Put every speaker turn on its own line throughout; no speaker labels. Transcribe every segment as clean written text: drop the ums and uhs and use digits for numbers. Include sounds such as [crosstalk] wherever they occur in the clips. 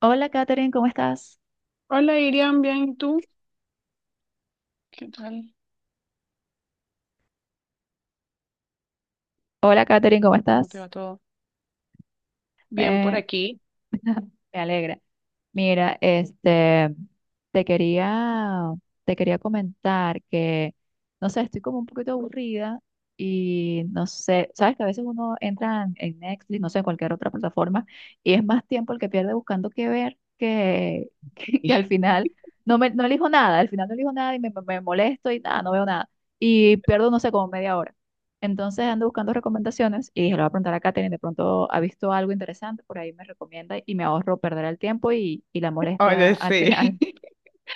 Hola, Katherine, ¿cómo estás?
Hola Irian, bien, ¿y tú? ¿Qué tal?
Hola, Katherine, ¿cómo
¿Cómo te
estás?
va todo? Bien por
Eh,
aquí.
Me alegra. Mira, te quería, te quería comentar que, no sé, estoy como un poquito aburrida y no sé, sabes que a veces uno entra en Netflix, no sé, en cualquier otra plataforma y es más tiempo el que pierde buscando qué ver [laughs] que al
[laughs]
final no elijo nada, al final no elijo nada me molesto y nada, no veo nada. Y pierdo, no sé, como media hora. Entonces ando buscando recomendaciones y dije, le voy a preguntar a Katherine, de pronto ha visto algo interesante, por ahí me recomienda y me ahorro perder el tiempo y la molestia
Oye,
al
sí.
final. [laughs]
[laughs]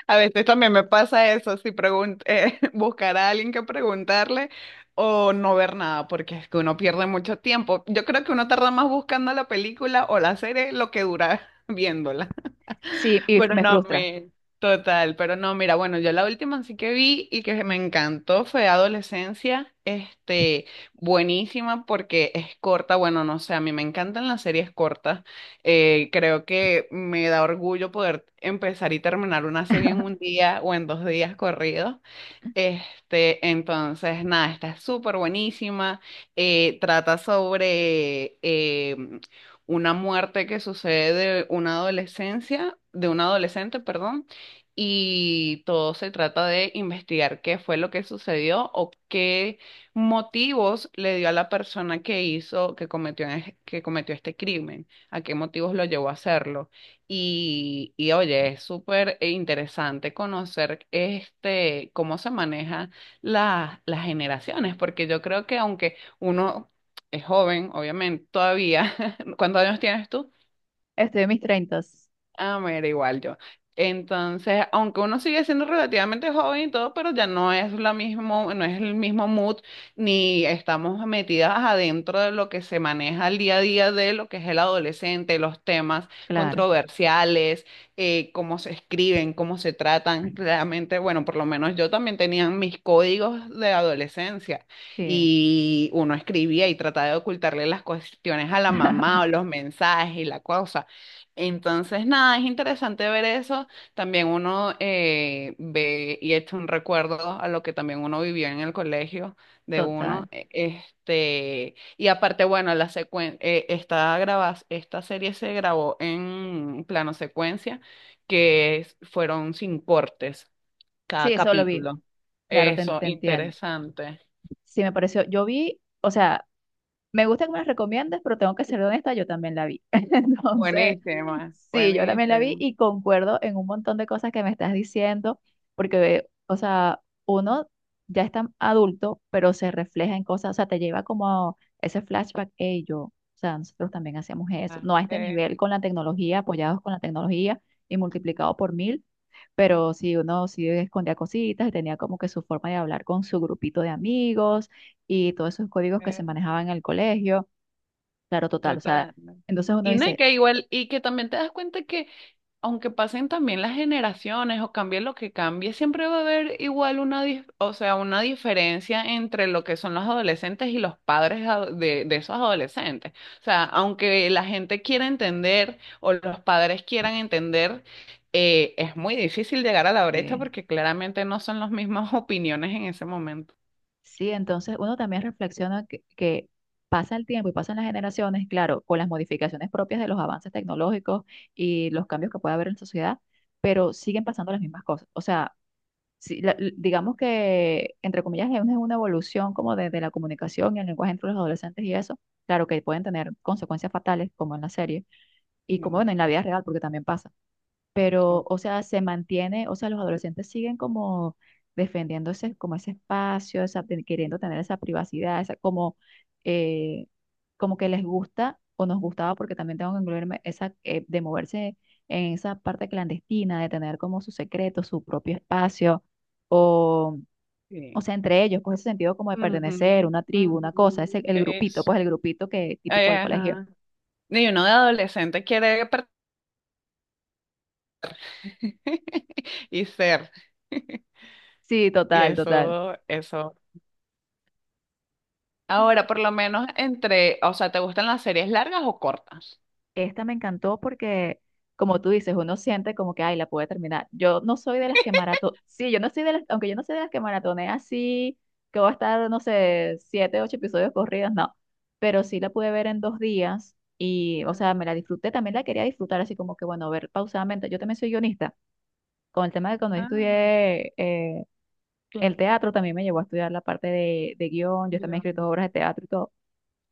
A veces también me pasa eso, si pregun- [laughs] buscar a alguien que preguntarle o no ver nada, porque es que uno pierde mucho tiempo. Yo creo que uno tarda más buscando la película o la serie lo que dura [laughs] viéndola.
Sí, y
Pero
me
no,
frustra.
me... Total, pero no, mira, bueno, yo la última sí que vi y que me encantó fue Adolescencia, buenísima porque es corta, bueno, no sé, a mí me encantan las series cortas, creo que me da orgullo poder empezar y terminar una serie en un día o en dos días corridos, entonces, nada, está súper buenísima. Trata sobre una muerte que sucede de una adolescencia, de una adolescente, perdón, y todo se trata de investigar qué fue lo que sucedió o qué motivos le dio a la persona que hizo, que cometió este crimen, a qué motivos lo llevó a hacerlo. Y oye, es súper interesante conocer este, cómo se manejan las generaciones, porque yo creo que aunque uno es joven, obviamente, todavía, [laughs] ¿cuántos años tienes tú?
Estoy en mis treintas,
Ah, mira, igual yo. Entonces, aunque uno sigue siendo relativamente joven y todo, pero ya no es la mismo, no es el mismo mood, ni estamos metidas adentro de lo que se maneja el día a día de lo que es el adolescente, los temas
claro,
controversiales, cómo se escriben, cómo se tratan. Claramente, bueno, por lo menos yo también tenía mis códigos de adolescencia
sí,
y uno escribía y trataba de ocultarle las cuestiones a la
[laughs]
mamá o los mensajes y la cosa, entonces, nada, es interesante ver eso. También uno ve y echa un recuerdo a lo que también uno vivió en el colegio de
total.
uno. Este, y aparte, bueno, la secuen esta, graba- esta serie se grabó en plano secuencia, fueron sin cortes
Sí,
cada
eso lo vi,
capítulo.
claro,
Eso,
te entiendo.
interesante.
Sí, me pareció, yo vi, o sea, me gusta que me las recomiendes, pero tengo que ser honesta, yo también la vi. [laughs] Entonces...
Buenísima,
Sí, yo también la vi
buenísima.
y concuerdo en un montón de cosas que me estás diciendo, porque, o sea, uno ya está adulto, pero se refleja en cosas, o sea, te lleva como ese flashback, hey, yo, o sea, nosotros también hacíamos eso,
Ah,
no a este
eh,
nivel con la tecnología, apoyados con la tecnología y multiplicado por mil, pero sí, uno sí escondía cositas y tenía como que su forma de hablar con su grupito de amigos y todos esos códigos que se
eh.
manejaban en el colegio, claro, total, o sea,
Total. ¿No?
entonces uno
Y no, y
dice...
que igual, y que también te das cuenta que aunque pasen también las generaciones o cambie lo que cambie, siempre va a haber igual o sea, una diferencia entre lo que son los adolescentes y los padres de esos adolescentes. O sea, aunque la gente quiera entender o los padres quieran entender, es muy difícil llegar a la brecha
eh,
porque claramente no son las mismas [laughs] opiniones en ese momento.
Sí, entonces uno también reflexiona que pasa el tiempo y pasan las generaciones, claro, con las modificaciones propias de los avances tecnológicos y los cambios que puede haber en la sociedad, pero siguen pasando las mismas cosas. O sea, si la- l- digamos que, entre comillas, es una evolución como de la comunicación y el lenguaje entre los adolescentes y eso, claro que pueden tener consecuencias fatales, como en la serie, y como
Sí,
bueno, en la vida real, porque también pasa, pero,
to-
o sea, se mantiene, o sea, los adolescentes siguen como defendiéndose como ese espacio, queriendo tener esa privacidad, esa, como, eh, como que les gusta o nos gustaba, porque también tengo que incluirme, esa, de moverse en esa parte clandestina, de tener como su secreto, su propio espacio, o, o
sí.
sea, entre ellos, pues ese sentido como de pertenecer,
Ujú,
una tribu, una cosa, ese,
ujú,
el grupito, pues el grupito que típico del colegio.
ajá. Y uno de adolescente quiere per- [laughs] y ser. [laughs]
Sí,
Y
total, total.
eso, eso. Ahora, por lo menos entre, o sea, ¿te gustan las series largas o cortas?
Esta me encantó porque, como tú dices, uno siente como que, ay, la pude terminar. Yo no soy de las que maratón, sí, yo no soy de las, aunque yo no soy de las que maratonea así, que voy a estar, no sé, siete, ocho episodios corridos, no. Pero sí la pude ver en dos días y, o sea, me
Ah,
la disfruté, también la quería disfrutar así como que, bueno, ver pausadamente. Yo también soy guionista. Con el tema de cuando yo
bueno,
estudié el
claro.
teatro, también me llevó a estudiar la parte de guión. Yo también he
Dios
escrito
mío.
obras de teatro y todo.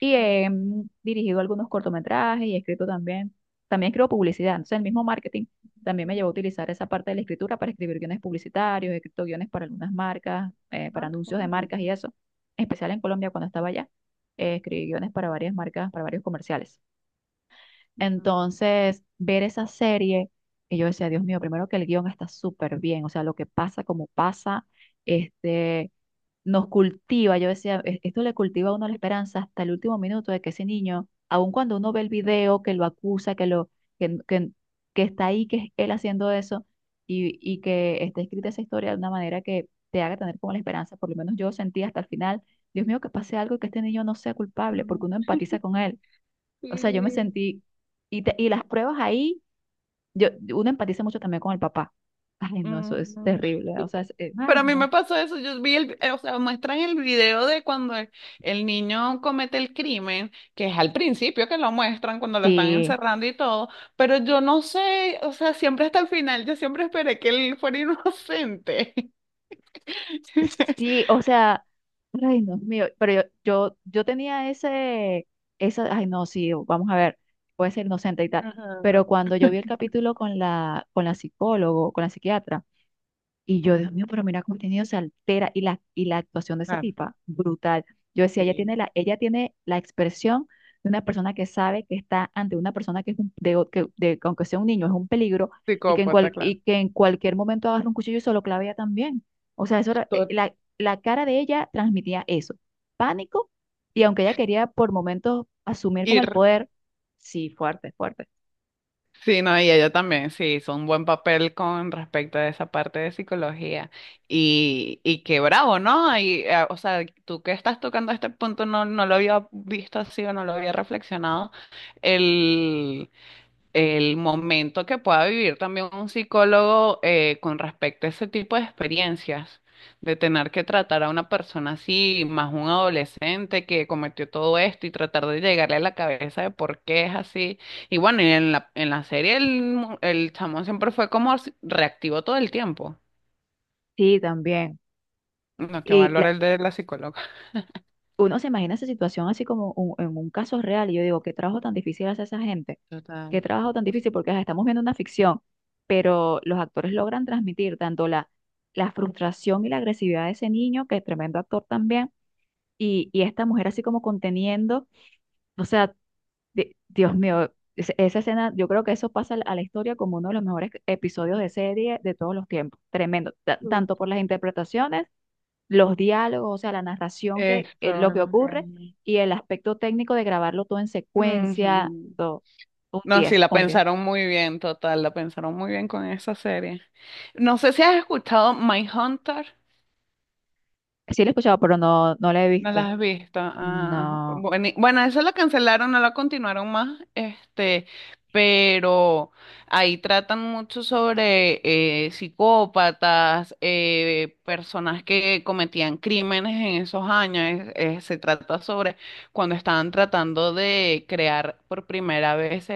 Y he dirigido algunos cortometrajes y he escrito también. También escribo publicidad. Entonces, el mismo marketing también me llevó a utilizar esa parte de la escritura para escribir guiones publicitarios. He escrito guiones para algunas marcas,
Ah,
para
qué
anuncios de
bueno.
marcas y eso. En especial en Colombia, cuando estaba allá, escribí guiones para varias marcas, para varios comerciales.
No,
Entonces, ver esa serie, y yo decía, Dios mío, primero que el guión está súper bien. O sea, lo que pasa, como pasa, este nos cultiva, yo decía, "E- esto le cultiva a uno la esperanza hasta el último minuto de que ese niño, aun cuando uno ve el video que lo acusa, que, que- que está ahí, que es él haciendo eso, y que está escrita esa historia de una manera que te haga tener como la esperanza, por lo menos yo sentí hasta el final, Dios mío, que pase algo y que este niño no sea culpable,
no,
porque uno empatiza con él. O sea, yo me
sí.
sentí, y las pruebas ahí, yo, uno empatiza mucho también con el papá. Ay, no, eso es
Mm,
terrible. O sea, ay,
pero a mí me
no.
pasó eso, yo vi o sea, muestran el video de cuando el niño comete el crimen, que es al principio que lo muestran cuando lo están
Sí.
encerrando y todo, pero yo no sé, o sea, siempre hasta el final, yo siempre esperé que él fuera inocente. [laughs]
Sí, o sea, ay, Dios mío, pero yo tenía ese, esa, ay, no, sí, vamos a ver, puede ser inocente y tal,
Ajá.
pero cuando yo vi el capítulo con con la psicólogo, con la psiquiatra, y yo, Dios mío, pero mira cómo el contenido se altera y y la actuación de esa
Ah,
tipa, brutal. Yo decía,
sí.
ella tiene la expresión de una persona que sabe que está ante una persona que, es un- de, o- que de- que aunque sea un niño, es un peligro y
Psicópata, claro.
y que en cualquier momento agarra un cuchillo y se lo clava ella también. O sea,
Tot-
la cara de ella transmitía eso, pánico y aunque ella quería por momentos asumir como el
Ir.
poder, sí, fuerte, fuerte.
Sí, no, y ella también, sí, hizo un buen papel con respecto a esa parte de psicología. Y qué bravo, ¿no? O sea, tú que estás tocando este punto, no, no lo había visto así o no lo había reflexionado el momento que pueda vivir también un psicólogo con respecto a ese tipo de experiencias, de tener que tratar a una persona así, más un adolescente que cometió todo esto y tratar de llegarle a la cabeza de por qué es así. Y bueno, y en en la serie el chamo siempre fue como reactivo todo el tiempo.
Sí, también.
No, qué
y
valor
la-
el de la psicóloga.
Uno se imagina esa situación así como en un caso real, y yo digo, qué trabajo tan difícil hace esa gente, qué
Total.
trabajo tan difícil, porque ajá, estamos viendo una ficción, pero los actores logran transmitir tanto la frustración y la agresividad de ese niño, que es tremendo actor también, y esta mujer así como conteniendo, o sea, Dios mío, esa escena, yo creo que eso pasa a la historia como uno de los mejores episodios de serie de todos los tiempos, tremendo, tanto por las interpretaciones, los diálogos, o sea, la narración que
Esto,
lo que
los de
ocurre
ahí.
y el aspecto técnico de grabarlo todo en secuencia,
Ujú.
todo. Un
No, sí,
10,
la
un 10.
pensaron muy bien, total, la pensaron muy bien con esa serie. No sé si has escuchado Hunter,
Sí lo he escuchado, pero no, no la he
no
visto.
la has visto. Ah,
No,
bueno, eso lo cancelaron, no la continuaron más, pero ahí tratan mucho sobre psicópatas, personas que cometían crímenes en esos años. Se trata sobre cuando estaban tratando de crear por primera vez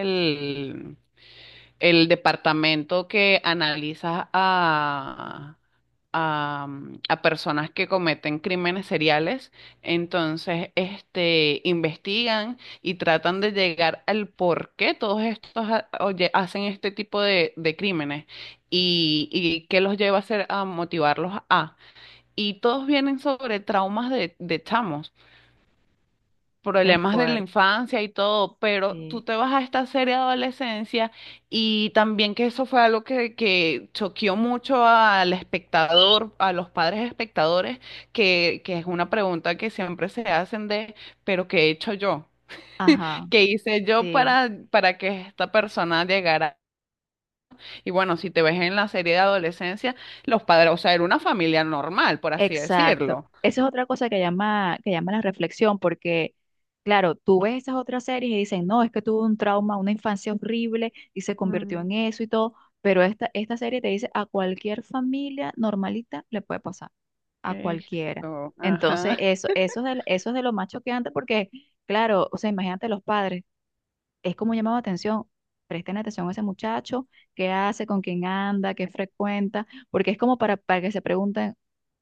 el departamento que analiza a personas que cometen crímenes seriales, entonces este, investigan y tratan de llegar al por qué todos oye, hacen este tipo de crímenes y qué los lleva a hacer, a motivarlos a. Y todos vienen sobre traumas de chamos
qué
problemas de la
fuerte.
infancia y todo, pero tú
Sí.
te vas a esta serie de adolescencia y también que eso fue algo que choqueó mucho al espectador, a los padres espectadores, que es una pregunta que siempre se hacen de, pero ¿qué he hecho yo?
Ajá,
¿Qué hice yo
sí,
para que esta persona llegara? Y bueno, si te ves en la serie de adolescencia, los padres, o sea, era una familia normal, por así
exacto.
decirlo.
Esa es otra cosa que llama la reflexión, porque, claro, tú ves esas otras series y dicen, no, es que tuvo un trauma, una infancia horrible y se convirtió
Mm,
en eso y todo, pero esta serie te dice, a cualquier familia normalita le puede pasar. A cualquiera. Entonces,
ajá.
eso, eso es de lo más choqueante porque, claro, o sea, imagínate los padres, es como llamaba atención. Presten atención a ese muchacho, qué hace, con quién anda, qué frecuenta, porque es como para que se pregunten,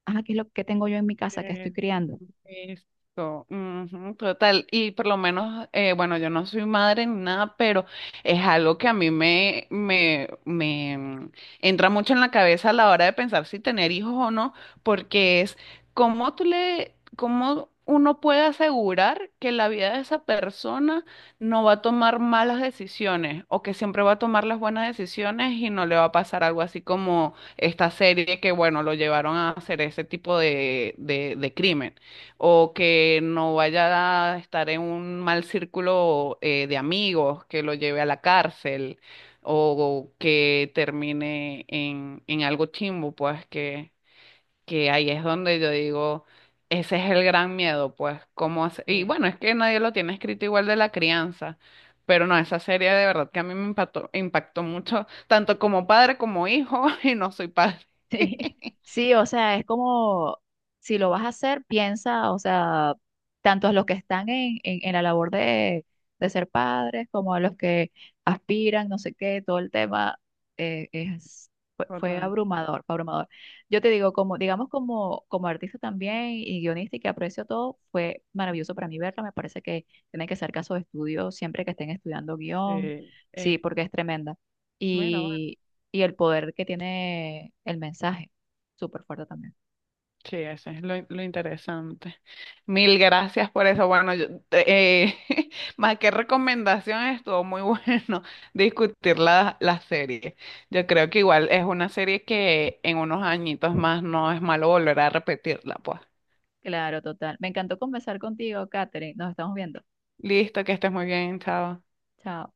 ah, ¿qué es lo que tengo yo en mi casa que estoy
Eh,
criando?
Ujú, total. Y por lo menos, bueno, yo no soy madre ni nada, pero es algo que a mí me entra mucho en la cabeza a la hora de pensar si tener hijos o no, porque es cómo tú le, cómo uno puede asegurar que la vida de esa persona no va a tomar malas decisiones o que siempre va a tomar las buenas decisiones y no le va a pasar algo así como esta serie que, bueno, lo llevaron a hacer ese tipo de crimen, o que no vaya a estar en un mal círculo de amigos, que lo lleve a la cárcel, o que termine en algo chimbo, pues que ahí es donde yo digo, ese es el gran miedo, pues, y
Sí.
bueno, es que nadie lo tiene escrito igual de la crianza, pero no, esa serie de verdad que a mí me impactó, impactó mucho, tanto como padre como hijo, [laughs] y no soy padre.
[laughs] Sí,
[laughs]
sí, o sea, es como si lo vas a hacer, piensa, o sea, tanto a los que están en la labor de ser padres como a los que aspiran, no sé qué, todo el tema eh, es, fue, fue
Total.
abrumador, fue abrumador. Yo te digo, como, digamos, como, como artista también y guionista y que aprecio todo, fue maravilloso para mí verlo. Me parece que tienen que ser casos de estudio siempre que estén estudiando guión,
Sí,
sí,
eh,
porque es tremenda
mira,
y el poder que tiene el mensaje. Súper fuerte también.
sí, eso es lo interesante. Mil gracias por eso. [laughs] Más que recomendación, estuvo muy bueno [laughs] discutir la serie. Yo creo que igual es una serie que en unos añitos más no es malo volver a repetirla, pues.
Claro, total. Me encantó conversar contigo, Katherine. Nos estamos viendo.
Listo, que estés muy bien, chao.
Chao.